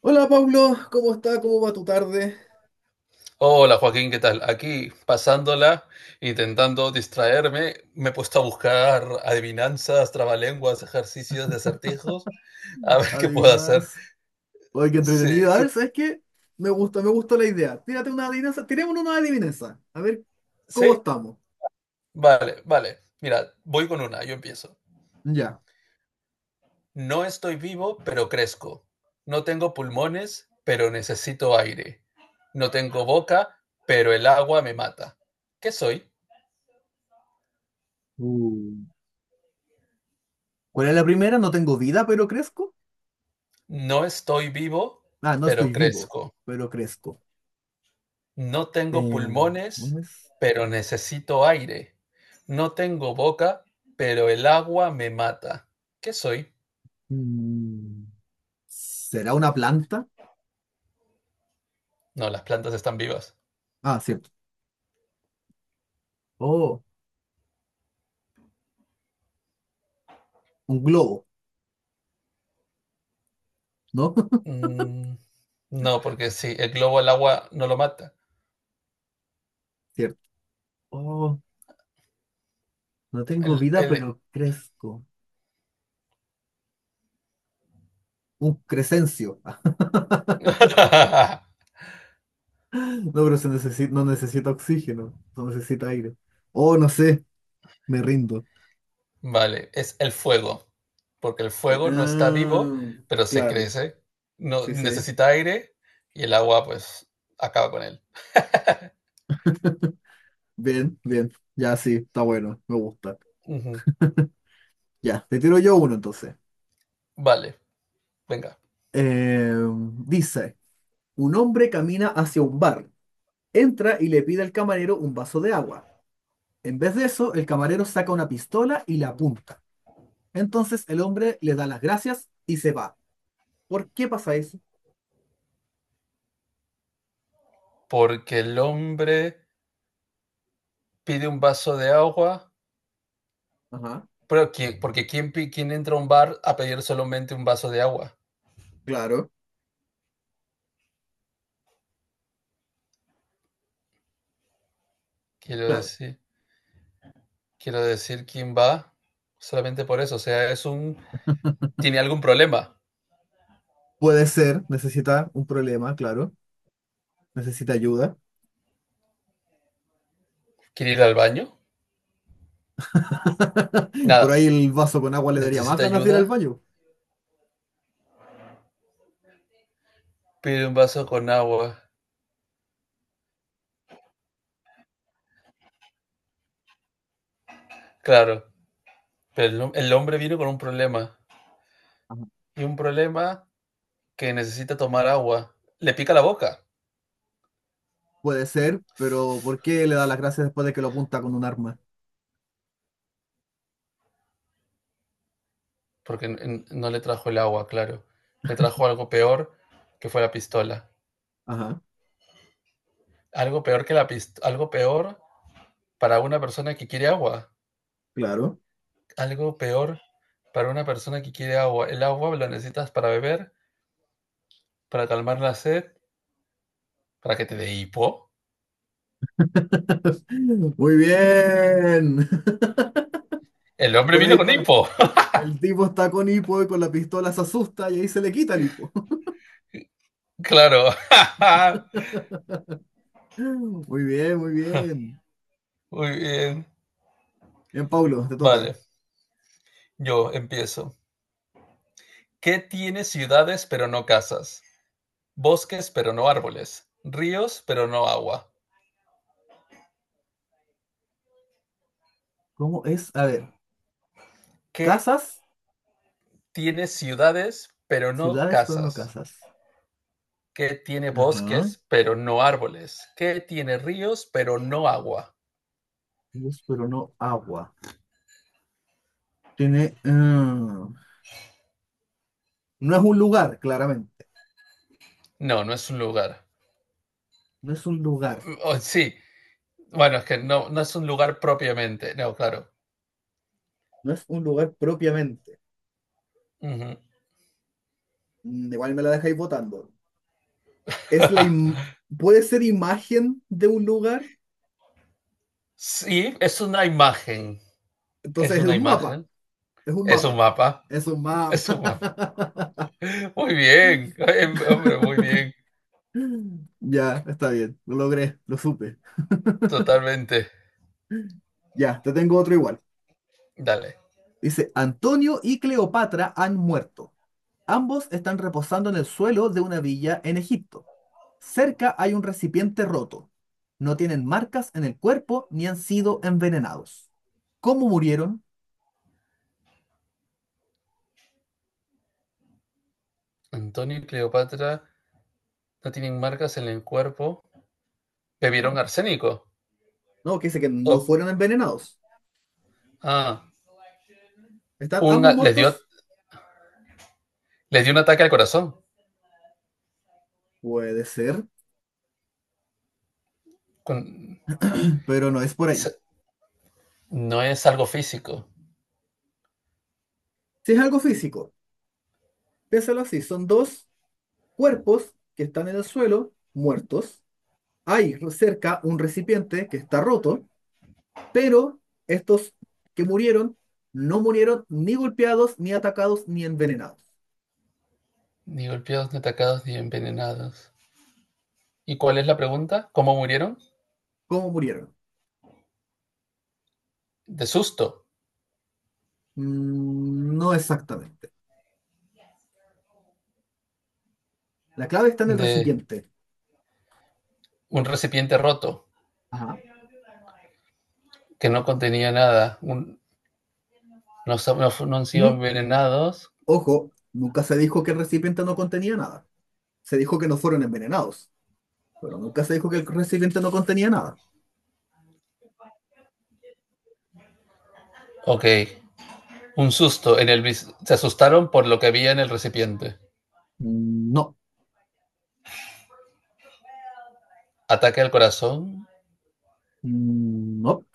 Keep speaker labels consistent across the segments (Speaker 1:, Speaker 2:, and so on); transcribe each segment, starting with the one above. Speaker 1: Hola Pablo, ¿cómo está? ¿Cómo va tu tarde?
Speaker 2: Hola Joaquín, ¿qué tal? Aquí pasándola, intentando distraerme, me he puesto a buscar adivinanzas, trabalenguas, ejercicios de acertijos, a ver qué puedo hacer.
Speaker 1: Adivinas. Oye, qué
Speaker 2: Sí,
Speaker 1: entretenido. A ver,
Speaker 2: y-
Speaker 1: ¿sabes qué? Me gusta la idea. Tiremos una adivinanza. A ver cómo
Speaker 2: sí,
Speaker 1: estamos.
Speaker 2: vale, vale. Mira, voy con una, yo empiezo.
Speaker 1: Ya.
Speaker 2: No estoy vivo, pero crezco. No tengo pulmones, pero necesito aire. No tengo boca, pero el agua me mata. ¿Qué soy?
Speaker 1: Uh, ¿Cuál es la primera? No tengo vida, pero crezco.
Speaker 2: No estoy vivo,
Speaker 1: Ah, no
Speaker 2: pero
Speaker 1: estoy vivo,
Speaker 2: crezco.
Speaker 1: pero crezco.
Speaker 2: No tengo
Speaker 1: Eh, ¿Cómo
Speaker 2: pulmones,
Speaker 1: es?
Speaker 2: pero necesito aire. No tengo boca, pero el agua me mata. ¿Qué soy?
Speaker 1: Mm, ¿Será una planta?
Speaker 2: No, las plantas están vivas.
Speaker 1: Ah, cierto. Oh, un globo, ¿no?
Speaker 2: Mm, no, porque sí, el globo al agua no lo mata.
Speaker 1: Cierto. Oh, no tengo
Speaker 2: El-
Speaker 1: vida,
Speaker 2: el-
Speaker 1: pero crezco. Un crecencio. No, pero no necesita oxígeno, no necesita aire. Oh, no sé, me rindo.
Speaker 2: Vale, es el fuego, porque el
Speaker 1: Eh,
Speaker 2: fuego no está vivo,
Speaker 1: ah,
Speaker 2: pero se
Speaker 1: claro,
Speaker 2: crece, no
Speaker 1: sí, sí.
Speaker 2: necesita aire y el agua pues acaba con él.
Speaker 1: Bien, bien. Ya sí, está bueno, me gusta.
Speaker 2: Ujú.
Speaker 1: Ya, te tiro yo uno entonces.
Speaker 2: Vale, venga.
Speaker 1: Eh, Dice, un hombre camina hacia un bar, entra y le pide al camarero un vaso de agua. En vez de eso, el camarero saca una pistola y la apunta. Entonces el hombre le da las gracias y se va. ¿Por qué pasa eso?
Speaker 2: Porque el hombre pide un vaso de agua,
Speaker 1: Ajá,
Speaker 2: pero ¿quién entra a un bar a pedir solamente un vaso de agua?
Speaker 1: claro,
Speaker 2: Quiero
Speaker 1: claro.
Speaker 2: decir, quiero decir, ¿quién va solamente por eso? O sea, ¿tiene algún problema?
Speaker 1: Puede ser, necesita un problema, claro, necesita ayuda.
Speaker 2: ¿Quiere ir al baño?
Speaker 1: Por
Speaker 2: Nada,
Speaker 1: ahí el vaso con agua le daría más
Speaker 2: necesita
Speaker 1: ganas de ir al
Speaker 2: ayuda,
Speaker 1: baño.
Speaker 2: pide un vaso con agua. Claro, pero el hombre vino con un problema,
Speaker 1: Ajá.
Speaker 2: y un problema que necesita tomar agua. Le pica la boca,
Speaker 1: Puede ser, pero ¿por qué le da las gracias después de que lo apunta con un arma?
Speaker 2: porque no le trajo el agua, claro. Le trajo algo peor, que fue la pistola.
Speaker 1: Ajá,
Speaker 2: Algo peor que la pistola, algo peor para una persona que quiere agua.
Speaker 1: claro.
Speaker 2: Algo peor para una persona que quiere agua. El agua la necesitas para beber, para calmar la sed, para que te dé hipo.
Speaker 1: Muy bien.
Speaker 2: El hombre
Speaker 1: Por
Speaker 2: vino
Speaker 1: ahí
Speaker 2: con
Speaker 1: va.
Speaker 2: hipo.
Speaker 1: El tipo está con hipo y con la pistola se asusta y ahí se le quita el hipo.
Speaker 2: Claro.
Speaker 1: Muy bien, muy bien.
Speaker 2: Muy bien.
Speaker 1: Bien, Paulo, te
Speaker 2: Vale,
Speaker 1: toca.
Speaker 2: yo empiezo. ¿Qué tiene ciudades pero no casas? Bosques pero no árboles. Ríos pero no agua.
Speaker 1: ¿Cómo es? A ver,
Speaker 2: ¿Qué
Speaker 1: casas,
Speaker 2: tiene ciudades pero no
Speaker 1: ciudades, pero no
Speaker 2: casas?
Speaker 1: casas.
Speaker 2: Que tiene
Speaker 1: Ajá.
Speaker 2: bosques, pero no árboles, que tiene ríos, pero no agua.
Speaker 1: Ríos, pero no agua. Tiene, ah, no es un lugar, claramente.
Speaker 2: No, no es un lugar.
Speaker 1: No es un lugar.
Speaker 2: O sí, bueno, es que no, no es un lugar propiamente. No, claro.
Speaker 1: No es un lugar propiamente.
Speaker 2: Ujú.
Speaker 1: Igual me la dejáis votando. Es la im- Puede ser imagen de un lugar.
Speaker 2: Sí, es una imagen. Es
Speaker 1: Entonces es
Speaker 2: una
Speaker 1: un mapa.
Speaker 2: imagen.
Speaker 1: Es un
Speaker 2: Es un
Speaker 1: mapa.
Speaker 2: mapa.
Speaker 1: Es un mapa.
Speaker 2: Es un mapa. Muy bien. Hombre, muy bien.
Speaker 1: Ya, está bien. Lo logré. Lo supe.
Speaker 2: Totalmente.
Speaker 1: Ya, te tengo otro igual.
Speaker 2: Dale.
Speaker 1: Dice, Antonio y Cleopatra han muerto. Ambos están reposando en el suelo de una villa en Egipto. Cerca hay un recipiente roto. No tienen marcas en el cuerpo ni han sido envenenados. ¿Cómo murieron?
Speaker 2: Antonio y Cleopatra no tienen marcas en el cuerpo. Bebieron
Speaker 1: Ajá.
Speaker 2: arsénico.
Speaker 1: No, que dice que no
Speaker 2: O-
Speaker 1: fueron envenenados.
Speaker 2: ah,
Speaker 1: ¿Están ambos
Speaker 2: una, les dio,
Speaker 1: muertos?
Speaker 2: les dio un ataque al corazón.
Speaker 1: Puede ser,
Speaker 2: con-
Speaker 1: pero no es por ahí.
Speaker 2: se- no es algo físico,
Speaker 1: Si es algo físico, piénsalo así, son dos cuerpos que están en el suelo, muertos. Hay cerca un recipiente que está roto, pero estos que murieron no murieron ni golpeados, ni atacados, ni envenenados.
Speaker 2: ni golpeados, ni atacados, ni envenenados. ¿Y cuál es la pregunta? ¿Cómo murieron?
Speaker 1: ¿Cómo murieron?
Speaker 2: De susto,
Speaker 1: No exactamente. La clave está en el
Speaker 2: de
Speaker 1: recipiente.
Speaker 2: un recipiente roto
Speaker 1: Ajá.
Speaker 2: que no contenía nada, no, so, no han sido
Speaker 1: Mm,
Speaker 2: envenenados.
Speaker 1: Ojo, nunca se dijo que el recipiente no contenía nada. Se dijo que no fueron envenenados, pero nunca se dijo que el recipiente no contenía nada.
Speaker 2: Ok, un susto, se asustaron por lo que había en el recipiente.
Speaker 1: No.
Speaker 2: Ataque al corazón.
Speaker 1: No,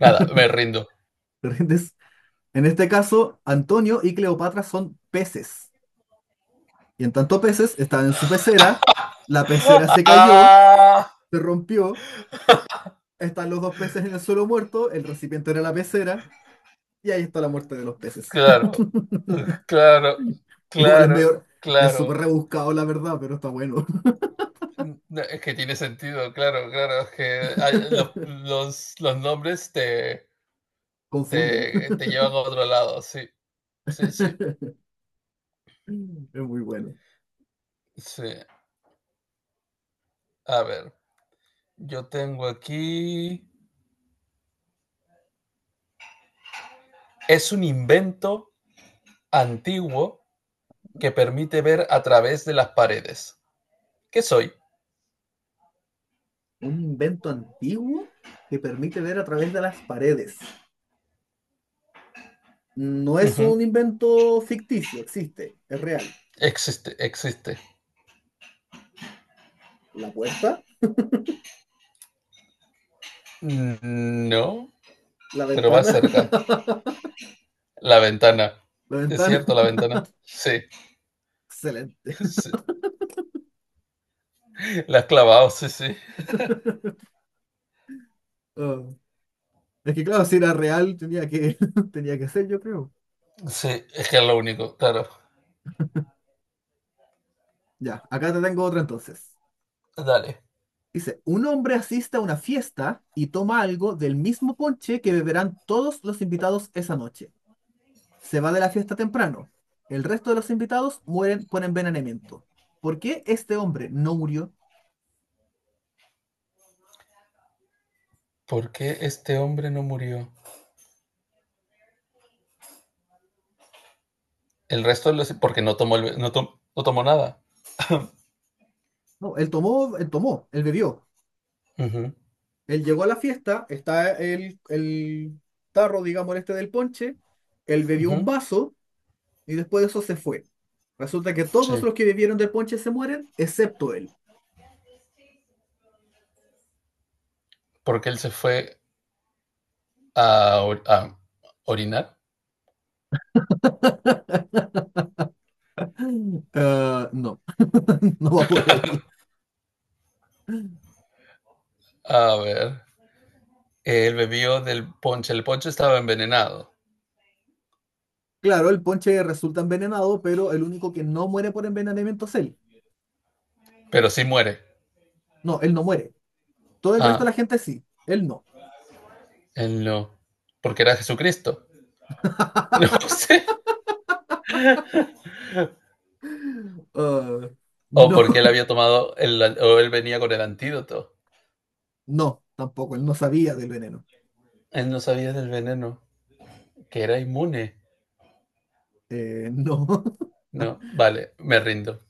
Speaker 2: Nada, me rindo.
Speaker 1: ¿te En este caso, Antonio y Cleopatra son peces. Y en tanto peces, estaban en su pecera, la pecera se cayó,
Speaker 2: Ah,
Speaker 1: se rompió, están los dos peces en el suelo muerto, el recipiente era la pecera, y ahí está la muerte de los peces.
Speaker 2: claro, claro,
Speaker 1: Igual es medio,
Speaker 2: claro,
Speaker 1: es súper
Speaker 2: claro.
Speaker 1: rebuscado la verdad, pero está bueno.
Speaker 2: No, es que tiene sentido, claro, claro. Es que los, los, los nombres
Speaker 1: Confunden.
Speaker 2: te llevan a otro lado, sí, sí, sí,
Speaker 1: Es muy bueno.
Speaker 2: sí. A ver, yo tengo aquí... Es un invento antiguo que permite ver a través de las paredes. ¿Qué soy?
Speaker 1: Un invento antiguo que permite ver a través de las paredes. No es
Speaker 2: Ujú,
Speaker 1: un invento ficticio, existe, es real.
Speaker 2: existe, existe.
Speaker 1: La puerta,
Speaker 2: Mm, no,
Speaker 1: la
Speaker 2: pero va
Speaker 1: ventana,
Speaker 2: cerca. La ventana.
Speaker 1: la
Speaker 2: ¿Es
Speaker 1: ventana.
Speaker 2: cierto, la ventana? Sí,
Speaker 1: Excelente.
Speaker 2: sí. La has clavado, sí, sí.
Speaker 1: Ah, es que claro, si era real, tenía que, tenía que ser, yo creo.
Speaker 2: Sí, es que es lo único, claro.
Speaker 1: Ya, acá te tengo otra entonces.
Speaker 2: Dale.
Speaker 1: Dice, un hombre asiste a una fiesta y toma algo del mismo ponche que beberán todos los invitados esa noche. Se va de la fiesta temprano. El resto de los invitados mueren por envenenamiento. ¿Por qué este hombre no murió?
Speaker 2: ¿Por qué este hombre no murió? El resto de los... Porque no tomó, no tomó nada.
Speaker 1: No, él tomó, él bebió.
Speaker 2: Ujú,
Speaker 1: Él llegó a la fiesta, está el tarro, digamos, este del ponche, él bebió un
Speaker 2: ujú,
Speaker 1: vaso y después de eso se fue. Resulta que todos los
Speaker 2: sí.
Speaker 1: que bebieron del ponche se mueren, excepto él.
Speaker 2: Porque él se fue a, a orinar.
Speaker 1: No, no va por ahí.
Speaker 2: A ver. Él bebió del ponche. El ponche estaba envenenado.
Speaker 1: Claro, el ponche resulta envenenado, pero el único que no muere por envenenamiento es él.
Speaker 2: Pero sí muere.
Speaker 1: No, él no muere. Todo el resto de
Speaker 2: Ah,
Speaker 1: la gente sí, él no.
Speaker 2: él no. Porque era Jesucristo. No sé.
Speaker 1: Ah,
Speaker 2: O porque él
Speaker 1: no,
Speaker 2: había tomado... El, o él venía con el antídoto.
Speaker 1: no, tampoco, él no sabía del veneno.
Speaker 2: Él no sabía del veneno. Que era inmune.
Speaker 1: No.
Speaker 2: No, vale, me rindo.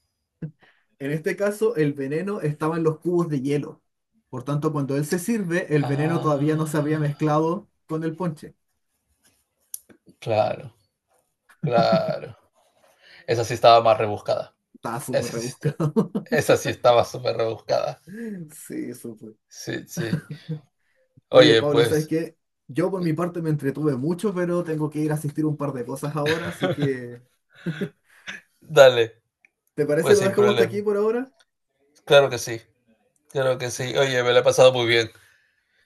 Speaker 1: En este caso, el veneno estaba en los cubos de hielo. Por tanto, cuando él se sirve, el veneno todavía no se había
Speaker 2: Ah,
Speaker 1: mezclado con el ponche.
Speaker 2: claro, claro. Esa sí estaba más rebuscada.
Speaker 1: Está súper
Speaker 2: Esa sí,
Speaker 1: rebuscado.
Speaker 2: esa sí estaba súper rebuscada.
Speaker 1: Sí, súper.
Speaker 2: Sí, sí.
Speaker 1: Oye,
Speaker 2: Oye,
Speaker 1: Paula, ¿sabes
Speaker 2: pues,
Speaker 1: qué? Yo por mi parte me entretuve mucho, pero tengo que ir a asistir a un par de cosas ahora, así que...
Speaker 2: dale,
Speaker 1: ¿Te parece
Speaker 2: pues
Speaker 1: lo
Speaker 2: sin
Speaker 1: dejamos hasta aquí
Speaker 2: problema.
Speaker 1: por ahora?
Speaker 2: Claro que sí, claro que sí. Oye, me la he pasado muy bien.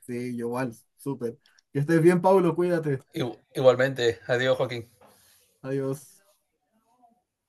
Speaker 1: Sí, yo igual, súper. Que estés bien, Pablo, cuídate.
Speaker 2: Igualmente, adiós, Joaquín.
Speaker 1: Adiós.